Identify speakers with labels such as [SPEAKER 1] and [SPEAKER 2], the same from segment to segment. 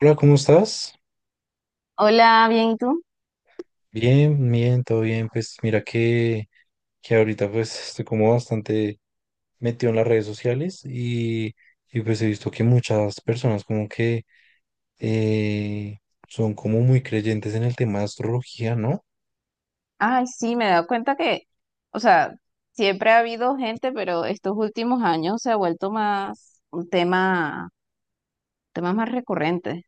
[SPEAKER 1] Hola, ¿cómo estás?
[SPEAKER 2] Hola, bien, ¿y tú?
[SPEAKER 1] Bien, bien, todo bien. Pues mira que ahorita pues estoy como bastante metido en las redes sociales y pues he visto que muchas personas como que eh, son como muy creyentes en el tema de astrología, ¿no?
[SPEAKER 2] Ay, sí, me he dado cuenta que, o sea, siempre ha habido gente, pero estos últimos años se ha vuelto más un tema, temas más recurrentes.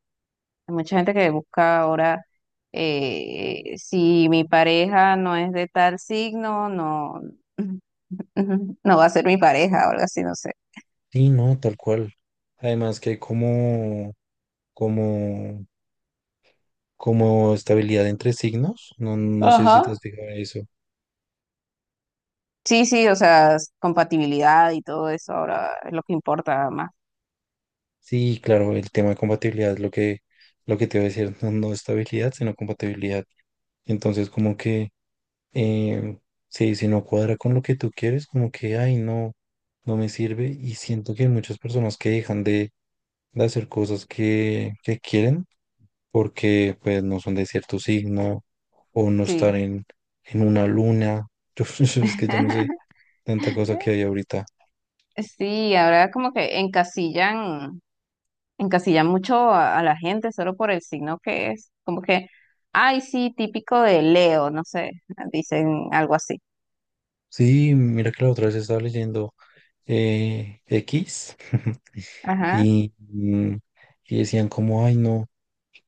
[SPEAKER 2] Hay mucha gente que busca ahora si mi pareja no es de tal signo, no, no va a ser mi pareja o algo así, no sé.
[SPEAKER 1] Sí, no, tal cual. Además que hay como, como estabilidad entre signos. No, no sé si
[SPEAKER 2] Ajá.
[SPEAKER 1] te has fijado en eso.
[SPEAKER 2] Sí, sí, o sea, compatibilidad y todo eso ahora es lo que importa más.
[SPEAKER 1] Sí, claro, el tema de compatibilidad es lo que te voy a decir, no, no estabilidad, sino compatibilidad. Entonces, como que eh, si no cuadra con lo que tú quieres, como que, ay, no, no me sirve. Y siento que hay muchas personas que dejan de hacer cosas que quieren porque pues no son de cierto signo o no estar
[SPEAKER 2] Sí.
[SPEAKER 1] en una luna. Yo es que ya no sé tanta cosa que hay ahorita.
[SPEAKER 2] Sí, ahora como que encasillan. Encasilla mucho a la gente solo por el signo que es. Como que, ay, sí, típico de Leo, no sé, dicen algo así.
[SPEAKER 1] Sí, mira que la otra vez estaba leyendo X
[SPEAKER 2] Ajá,
[SPEAKER 1] y, mm, y decían como, ay, no,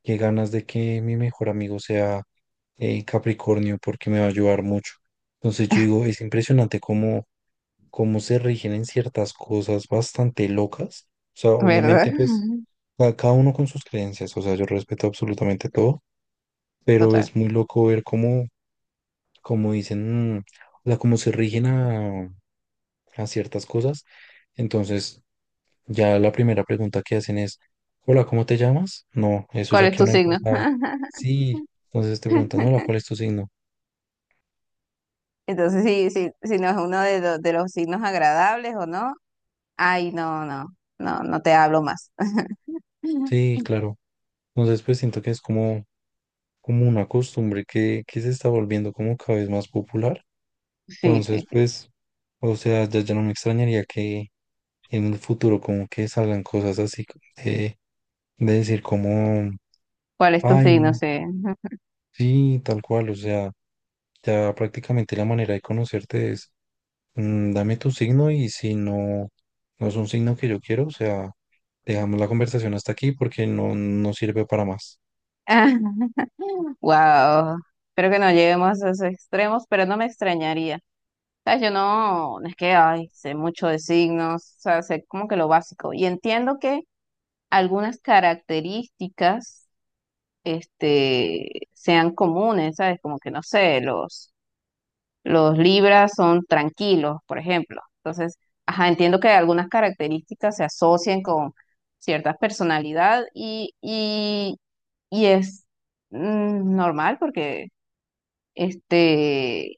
[SPEAKER 1] qué ganas de que mi mejor amigo sea Capricornio porque me va a ayudar mucho. Entonces yo digo, es impresionante cómo se rigen en ciertas cosas bastante locas. O sea,
[SPEAKER 2] ¿verdad?
[SPEAKER 1] obviamente pues
[SPEAKER 2] Ujú.
[SPEAKER 1] cada uno con sus creencias, o sea, yo respeto absolutamente todo, pero
[SPEAKER 2] Total.
[SPEAKER 1] es muy loco ver cómo dicen, o sea, cómo se rigen a ciertas cosas. Entonces ya la primera pregunta que hacen es, hola, ¿cómo te llamas? No, eso
[SPEAKER 2] ¿Cuál
[SPEAKER 1] ya
[SPEAKER 2] es
[SPEAKER 1] quedó
[SPEAKER 2] tu
[SPEAKER 1] en el
[SPEAKER 2] signo?
[SPEAKER 1] pasado. Sí, entonces te preguntan, hola, ¿cuál es tu signo?
[SPEAKER 2] Entonces, sí, sí, si no es uno de, de los signos agradables o no, ay, no, no, no, no te hablo más.
[SPEAKER 1] Sí, claro. Entonces, pues siento que es como una costumbre que se está volviendo como cada vez más popular.
[SPEAKER 2] Sí,
[SPEAKER 1] Entonces,
[SPEAKER 2] sí, sí.
[SPEAKER 1] pues, o sea, ya no me extrañaría que en el futuro como que salgan cosas así de decir como,
[SPEAKER 2] ¿Cuál es tu
[SPEAKER 1] ay,
[SPEAKER 2] signo?
[SPEAKER 1] no,
[SPEAKER 2] Sí.
[SPEAKER 1] sí, tal cual. O sea, ya prácticamente la manera de conocerte es, dame tu signo y si no, no es un signo que yo quiero, o sea, dejamos la conversación hasta aquí porque no, no sirve para más.
[SPEAKER 2] Wow. Espero que no lleguemos a esos extremos, pero no me extrañaría. Sea, yo no, no es que ay, sé mucho de signos, o sea, sé como que lo básico. Y entiendo que algunas características sean comunes, ¿sabes? Como que no sé, los Libras son tranquilos, por ejemplo. Entonces, ajá, entiendo que algunas características se asocian con cierta personalidad y es normal porque este.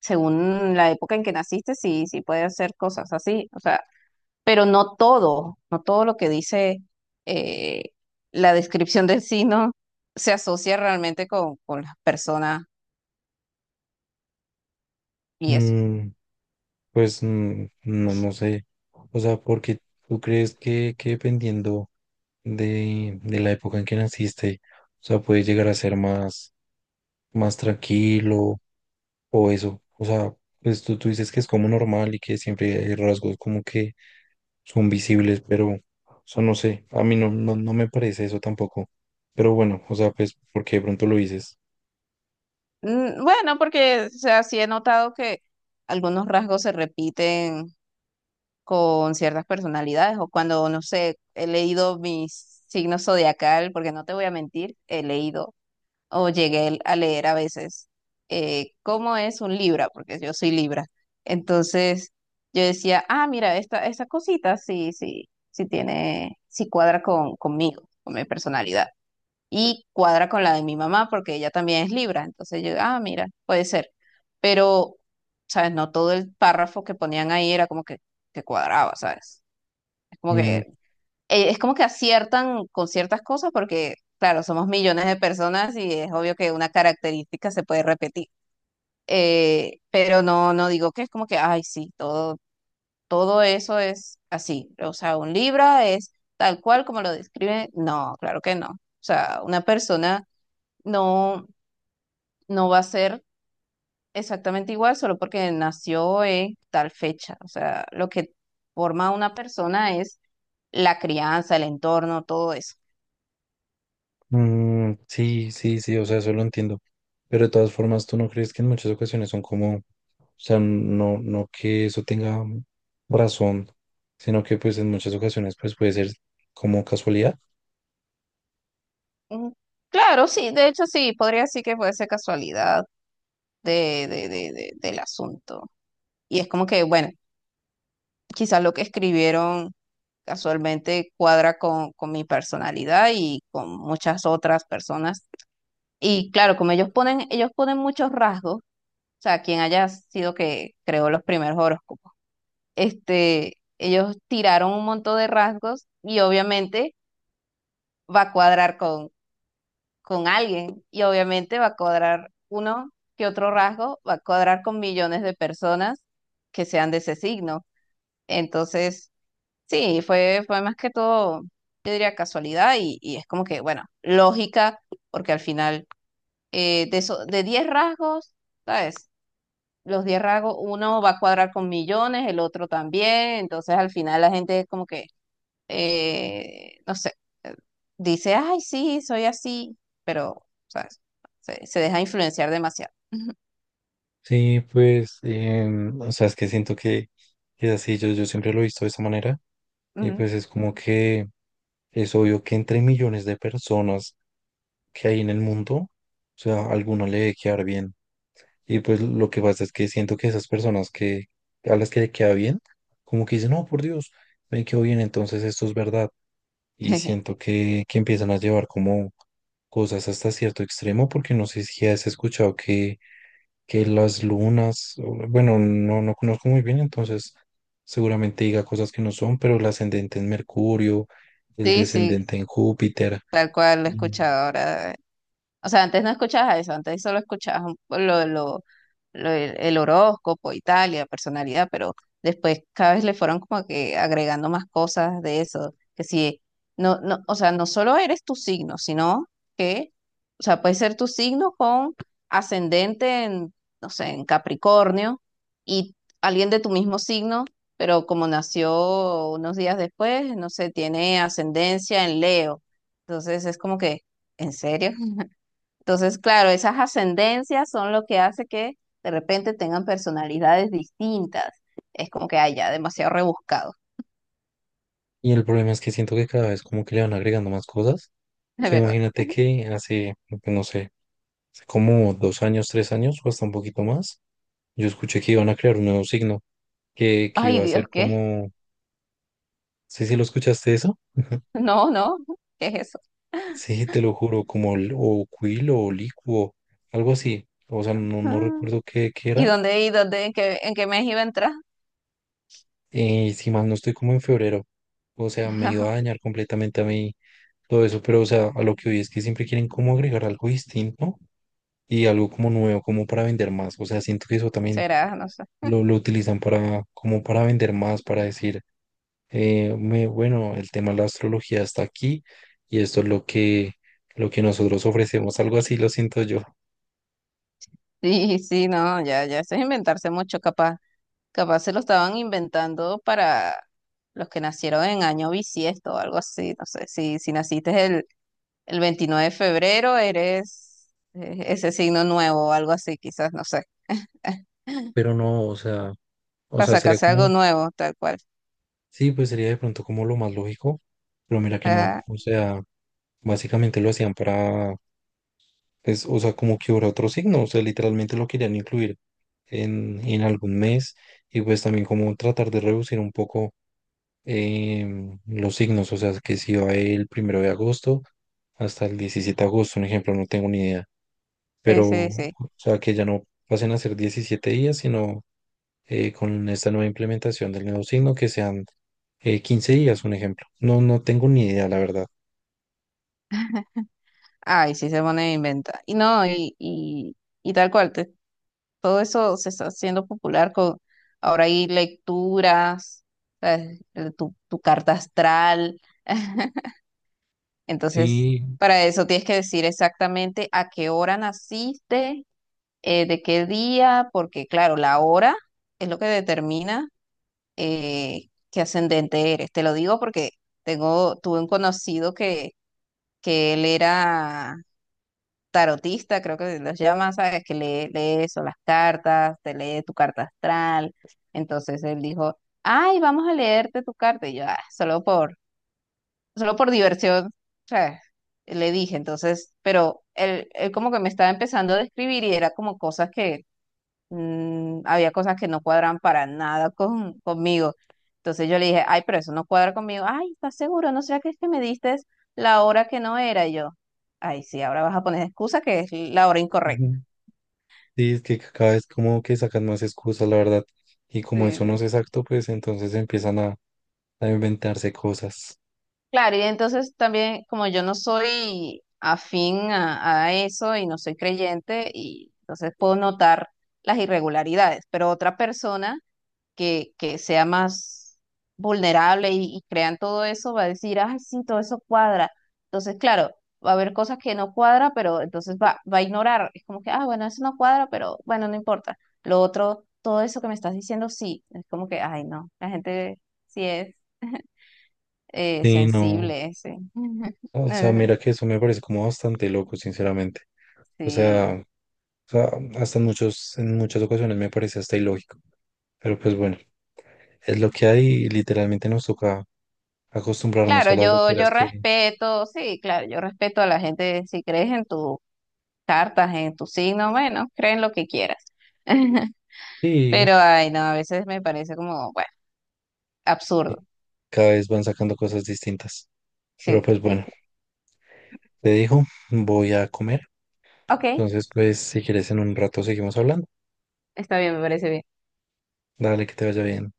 [SPEAKER 2] según la época en que naciste, sí, sí puede hacer cosas así, o sea, pero no todo, no todo lo que dice eh, la descripción del signo se asocia realmente con las personas y eso.
[SPEAKER 1] Mm. Pues no, no sé. O sea, porque tú crees que dependiendo de la época en que naciste, o sea, puedes llegar a ser más tranquilo o eso. O sea, pues tú dices que es como normal y que siempre hay rasgos como que son visibles, pero, o sea, no sé. A mí no, no, no me parece eso tampoco. Pero bueno, o sea, pues porque de pronto lo dices.
[SPEAKER 2] Bueno, porque, o sea, sí he notado que algunos rasgos se repiten con ciertas personalidades o cuando, no sé, he leído mis signos zodiacal, porque no te voy a mentir, he leído o llegué a leer a veces cómo es un libra, porque yo soy libra. Entonces yo decía, ah, mira, esta cosita sí, sí, sí tiene, sí cuadra con, conmigo, con mi personalidad. Y cuadra con la de mi mamá, porque ella también es libra. Entonces yo, ah, mira, puede ser. Pero, ¿sabes? No todo el párrafo que ponían ahí era como que cuadraba, ¿sabes? Es como que
[SPEAKER 1] Mm.
[SPEAKER 2] es como que aciertan con ciertas cosas porque, claro, somos millones de personas y es obvio que una característica se puede repetir. Pero no, no digo que es como que, ay, sí, todo, todo eso es así. O sea, un Libra es tal cual como lo describe. No, claro que no. O sea, una persona no, no va a ser exactamente igual solo porque nació en tal fecha. O sea, lo que forma a una persona es la crianza, el entorno, todo eso.
[SPEAKER 1] Mm, sí, sí, sí, o sea, eso lo entiendo. Pero de todas formas, ¿tú no crees que en muchas ocasiones son como, o sea, no, no que eso tenga razón, sino que pues en muchas ocasiones pues puede ser como casualidad?
[SPEAKER 2] Mm, Claro, sí, de hecho sí, podría decir que puede ser casualidad del asunto. Y es como que, bueno, quizás lo que escribieron casualmente cuadra con mi personalidad y con muchas otras personas. Y claro, como ellos ponen muchos rasgos, o sea, quien haya sido que creó los primeros horóscopos, ellos tiraron un montón de rasgos y obviamente va a cuadrar con alguien y obviamente va a cuadrar uno que otro rasgo, va a cuadrar con millones de personas que sean de ese signo. Entonces, sí, fue más que todo, yo diría casualidad y es como que, bueno, lógica, porque al final de eso, de 10 rasgos, ¿sabes? Los 10 rasgos, uno va a cuadrar con millones, el otro también, entonces al final la gente es como que no sé, eh, dice, ay, sí, soy así, pero, sabes se deja influenciar demasiado.
[SPEAKER 1] Sí, pues, o sea, es que siento que es así, yo siempre lo he visto de esa manera y
[SPEAKER 2] Ujú.
[SPEAKER 1] pues es como que es obvio que entre millones de personas que hay en el mundo, o sea, alguno le debe quedar bien. Y pues lo que pasa es que siento que esas personas que a las que le queda bien, como que dicen, no, por Dios, me quedó bien, entonces esto es verdad. Y siento que empiezan a llevar como cosas hasta cierto extremo, porque no sé si has escuchado que las lunas, bueno, no, no conozco muy bien, entonces seguramente diga cosas que no son, pero el ascendente en Mercurio, el
[SPEAKER 2] Sí, sí,
[SPEAKER 1] descendente en Júpiter.
[SPEAKER 2] tal cual lo he
[SPEAKER 1] Y,
[SPEAKER 2] escuchado ahora. O sea, antes no escuchabas eso, antes solo escuchabas un lo, el horóscopo y tal, y la personalidad, pero después cada vez le fueron como que agregando más cosas de eso, que si, no, no, o sea, no solo eres tu signo, sino que, o sea, puede ser tu signo con ascendente en, no sé, en Capricornio, y alguien de tu mismo signo, pero como nació unos días después, no sé, tiene ascendencia en Leo. Entonces es como que, ¿en serio? Entonces, claro, esas ascendencias son lo que hace que de repente tengan personalidades distintas. Es como que haya demasiado rebuscado,
[SPEAKER 1] y el problema es que siento que cada vez como que le van agregando más cosas.
[SPEAKER 2] de
[SPEAKER 1] Sea,
[SPEAKER 2] verdad.
[SPEAKER 1] imagínate que hace, pues, no sé, hace como 2 años, 3 años o hasta un poquito más, yo escuché que iban a crear un nuevo signo, que
[SPEAKER 2] Ay,
[SPEAKER 1] iba a ser
[SPEAKER 2] Dios, ¿qué?
[SPEAKER 1] como, sí, sí, ¿lo escuchaste eso?
[SPEAKER 2] No, no, ¿qué es eso?
[SPEAKER 1] Sí, te lo juro, como o quilo o licuo, algo así. O sea, no, no
[SPEAKER 2] Ah,
[SPEAKER 1] recuerdo qué era.
[SPEAKER 2] y dónde, en qué mes iba a entrar?
[SPEAKER 1] Y si mal no estoy como en febrero. O sea, me iba a dañar completamente a mí todo eso, pero o sea, a lo que hoy es que siempre quieren como agregar algo distinto y algo como nuevo, como para vender más. O sea, siento que eso también
[SPEAKER 2] Será, no sé.
[SPEAKER 1] lo utilizan para, como para vender más, para decir, bueno, el tema de la astrología está aquí y esto es lo que nosotros ofrecemos, algo así lo siento yo,
[SPEAKER 2] Sí, sí, no, ya, ya, eso es inventarse mucho, capaz, capaz se lo estaban inventando para los que nacieron en año bisiesto o algo así, no sé, si, si naciste El 29 de febrero eres ese signo nuevo o algo así, quizás, no sé.
[SPEAKER 1] pero no, o sea, o
[SPEAKER 2] Para
[SPEAKER 1] sea, sería
[SPEAKER 2] sacarse algo
[SPEAKER 1] como,
[SPEAKER 2] nuevo, tal cual.
[SPEAKER 1] sí, pues sería de pronto como lo más lógico, pero mira que no,
[SPEAKER 2] Ajá,
[SPEAKER 1] o sea, básicamente lo hacían para, pues, o sea, como que hubiera otro signo, o sea, literalmente lo querían incluir en algún mes y pues también como tratar de reducir un poco los signos, o sea, que si va el 1 de agosto hasta el 17 de agosto, un ejemplo, no tengo ni idea,
[SPEAKER 2] sí,
[SPEAKER 1] pero,
[SPEAKER 2] sí,
[SPEAKER 1] o
[SPEAKER 2] sí.
[SPEAKER 1] sea, que ya no pasen a ser 17 días, sino con esta nueva implementación del nuevo signo que sean 15 días, un ejemplo. No, no tengo ni idea, la verdad.
[SPEAKER 2] Ay, sí se pone a inventa. Y no, y tal cual, todo eso se está haciendo popular con, ahora hay lecturas, ¿sabes? Tu, tu carta astral. Entonces,
[SPEAKER 1] Sí,
[SPEAKER 2] para eso tienes que decir exactamente a qué hora naciste, de qué día, porque claro, la hora es lo que determina qué ascendente eres. Te lo digo porque tengo, tuve un conocido que él era tarotista, creo que los llama, ¿sabes? Que lee, lee eso, las cartas, te lee tu carta astral. Entonces él dijo, ay, vamos a leerte tu carta. Y yo, "Ah, solo por, solo por diversión, ¿sabes? Le dije, entonces, pero él como que me estaba empezando a describir y era como cosas que había cosas que no cuadran para nada con, conmigo. Entonces yo le dije, ay, pero eso no cuadra conmigo. Ay, ¿estás seguro? ¿No será que es que me diste la hora que no era? Y yo, ay, sí, ahora vas a poner excusa que es la hora incorrecta.
[SPEAKER 1] ujú, sí, es que cada vez como que sacan más excusas, la verdad, y como
[SPEAKER 2] Sí,
[SPEAKER 1] eso
[SPEAKER 2] sí.
[SPEAKER 1] no es exacto, pues entonces empiezan a, inventarse cosas.
[SPEAKER 2] Claro, y entonces también, como yo no soy afín a eso y no soy creyente, y entonces puedo notar las irregularidades, pero otra persona que sea más vulnerable y crean todo eso, va a decir, ay, sí, todo eso cuadra. Entonces, claro, va a haber cosas que no cuadra, pero entonces va, va a ignorar. Es como que, ah, bueno, eso no cuadra, pero bueno, no importa. Lo otro, todo eso que me estás diciendo, sí. Es como que, ay, no, la gente sí es
[SPEAKER 1] Sí, no.
[SPEAKER 2] sensible, sí.
[SPEAKER 1] O sea,
[SPEAKER 2] Eh,
[SPEAKER 1] mira que eso me parece como bastante loco, sinceramente. O
[SPEAKER 2] Sí.
[SPEAKER 1] sea, o sea, hasta en muchas ocasiones me parece hasta ilógico. Pero pues bueno, es lo que hay y literalmente nos toca acostumbrarnos
[SPEAKER 2] Claro,
[SPEAKER 1] a las
[SPEAKER 2] yo,
[SPEAKER 1] loqueras
[SPEAKER 2] yo
[SPEAKER 1] que
[SPEAKER 2] respeto, sí, claro, yo respeto a la gente, si crees en tus cartas, en tu signo, bueno, creen lo que quieras.
[SPEAKER 1] sí,
[SPEAKER 2] Pero, ay, no, a veces me parece como, bueno, absurdo.
[SPEAKER 1] que cada vez van sacando cosas distintas. Pero
[SPEAKER 2] Sí,
[SPEAKER 1] pues
[SPEAKER 2] sí,
[SPEAKER 1] bueno,
[SPEAKER 2] sí.
[SPEAKER 1] te dijo, voy a comer.
[SPEAKER 2] Ok,
[SPEAKER 1] Entonces, pues si quieres en un rato seguimos hablando.
[SPEAKER 2] está bien, me parece bien.
[SPEAKER 1] Dale, que te vaya bien.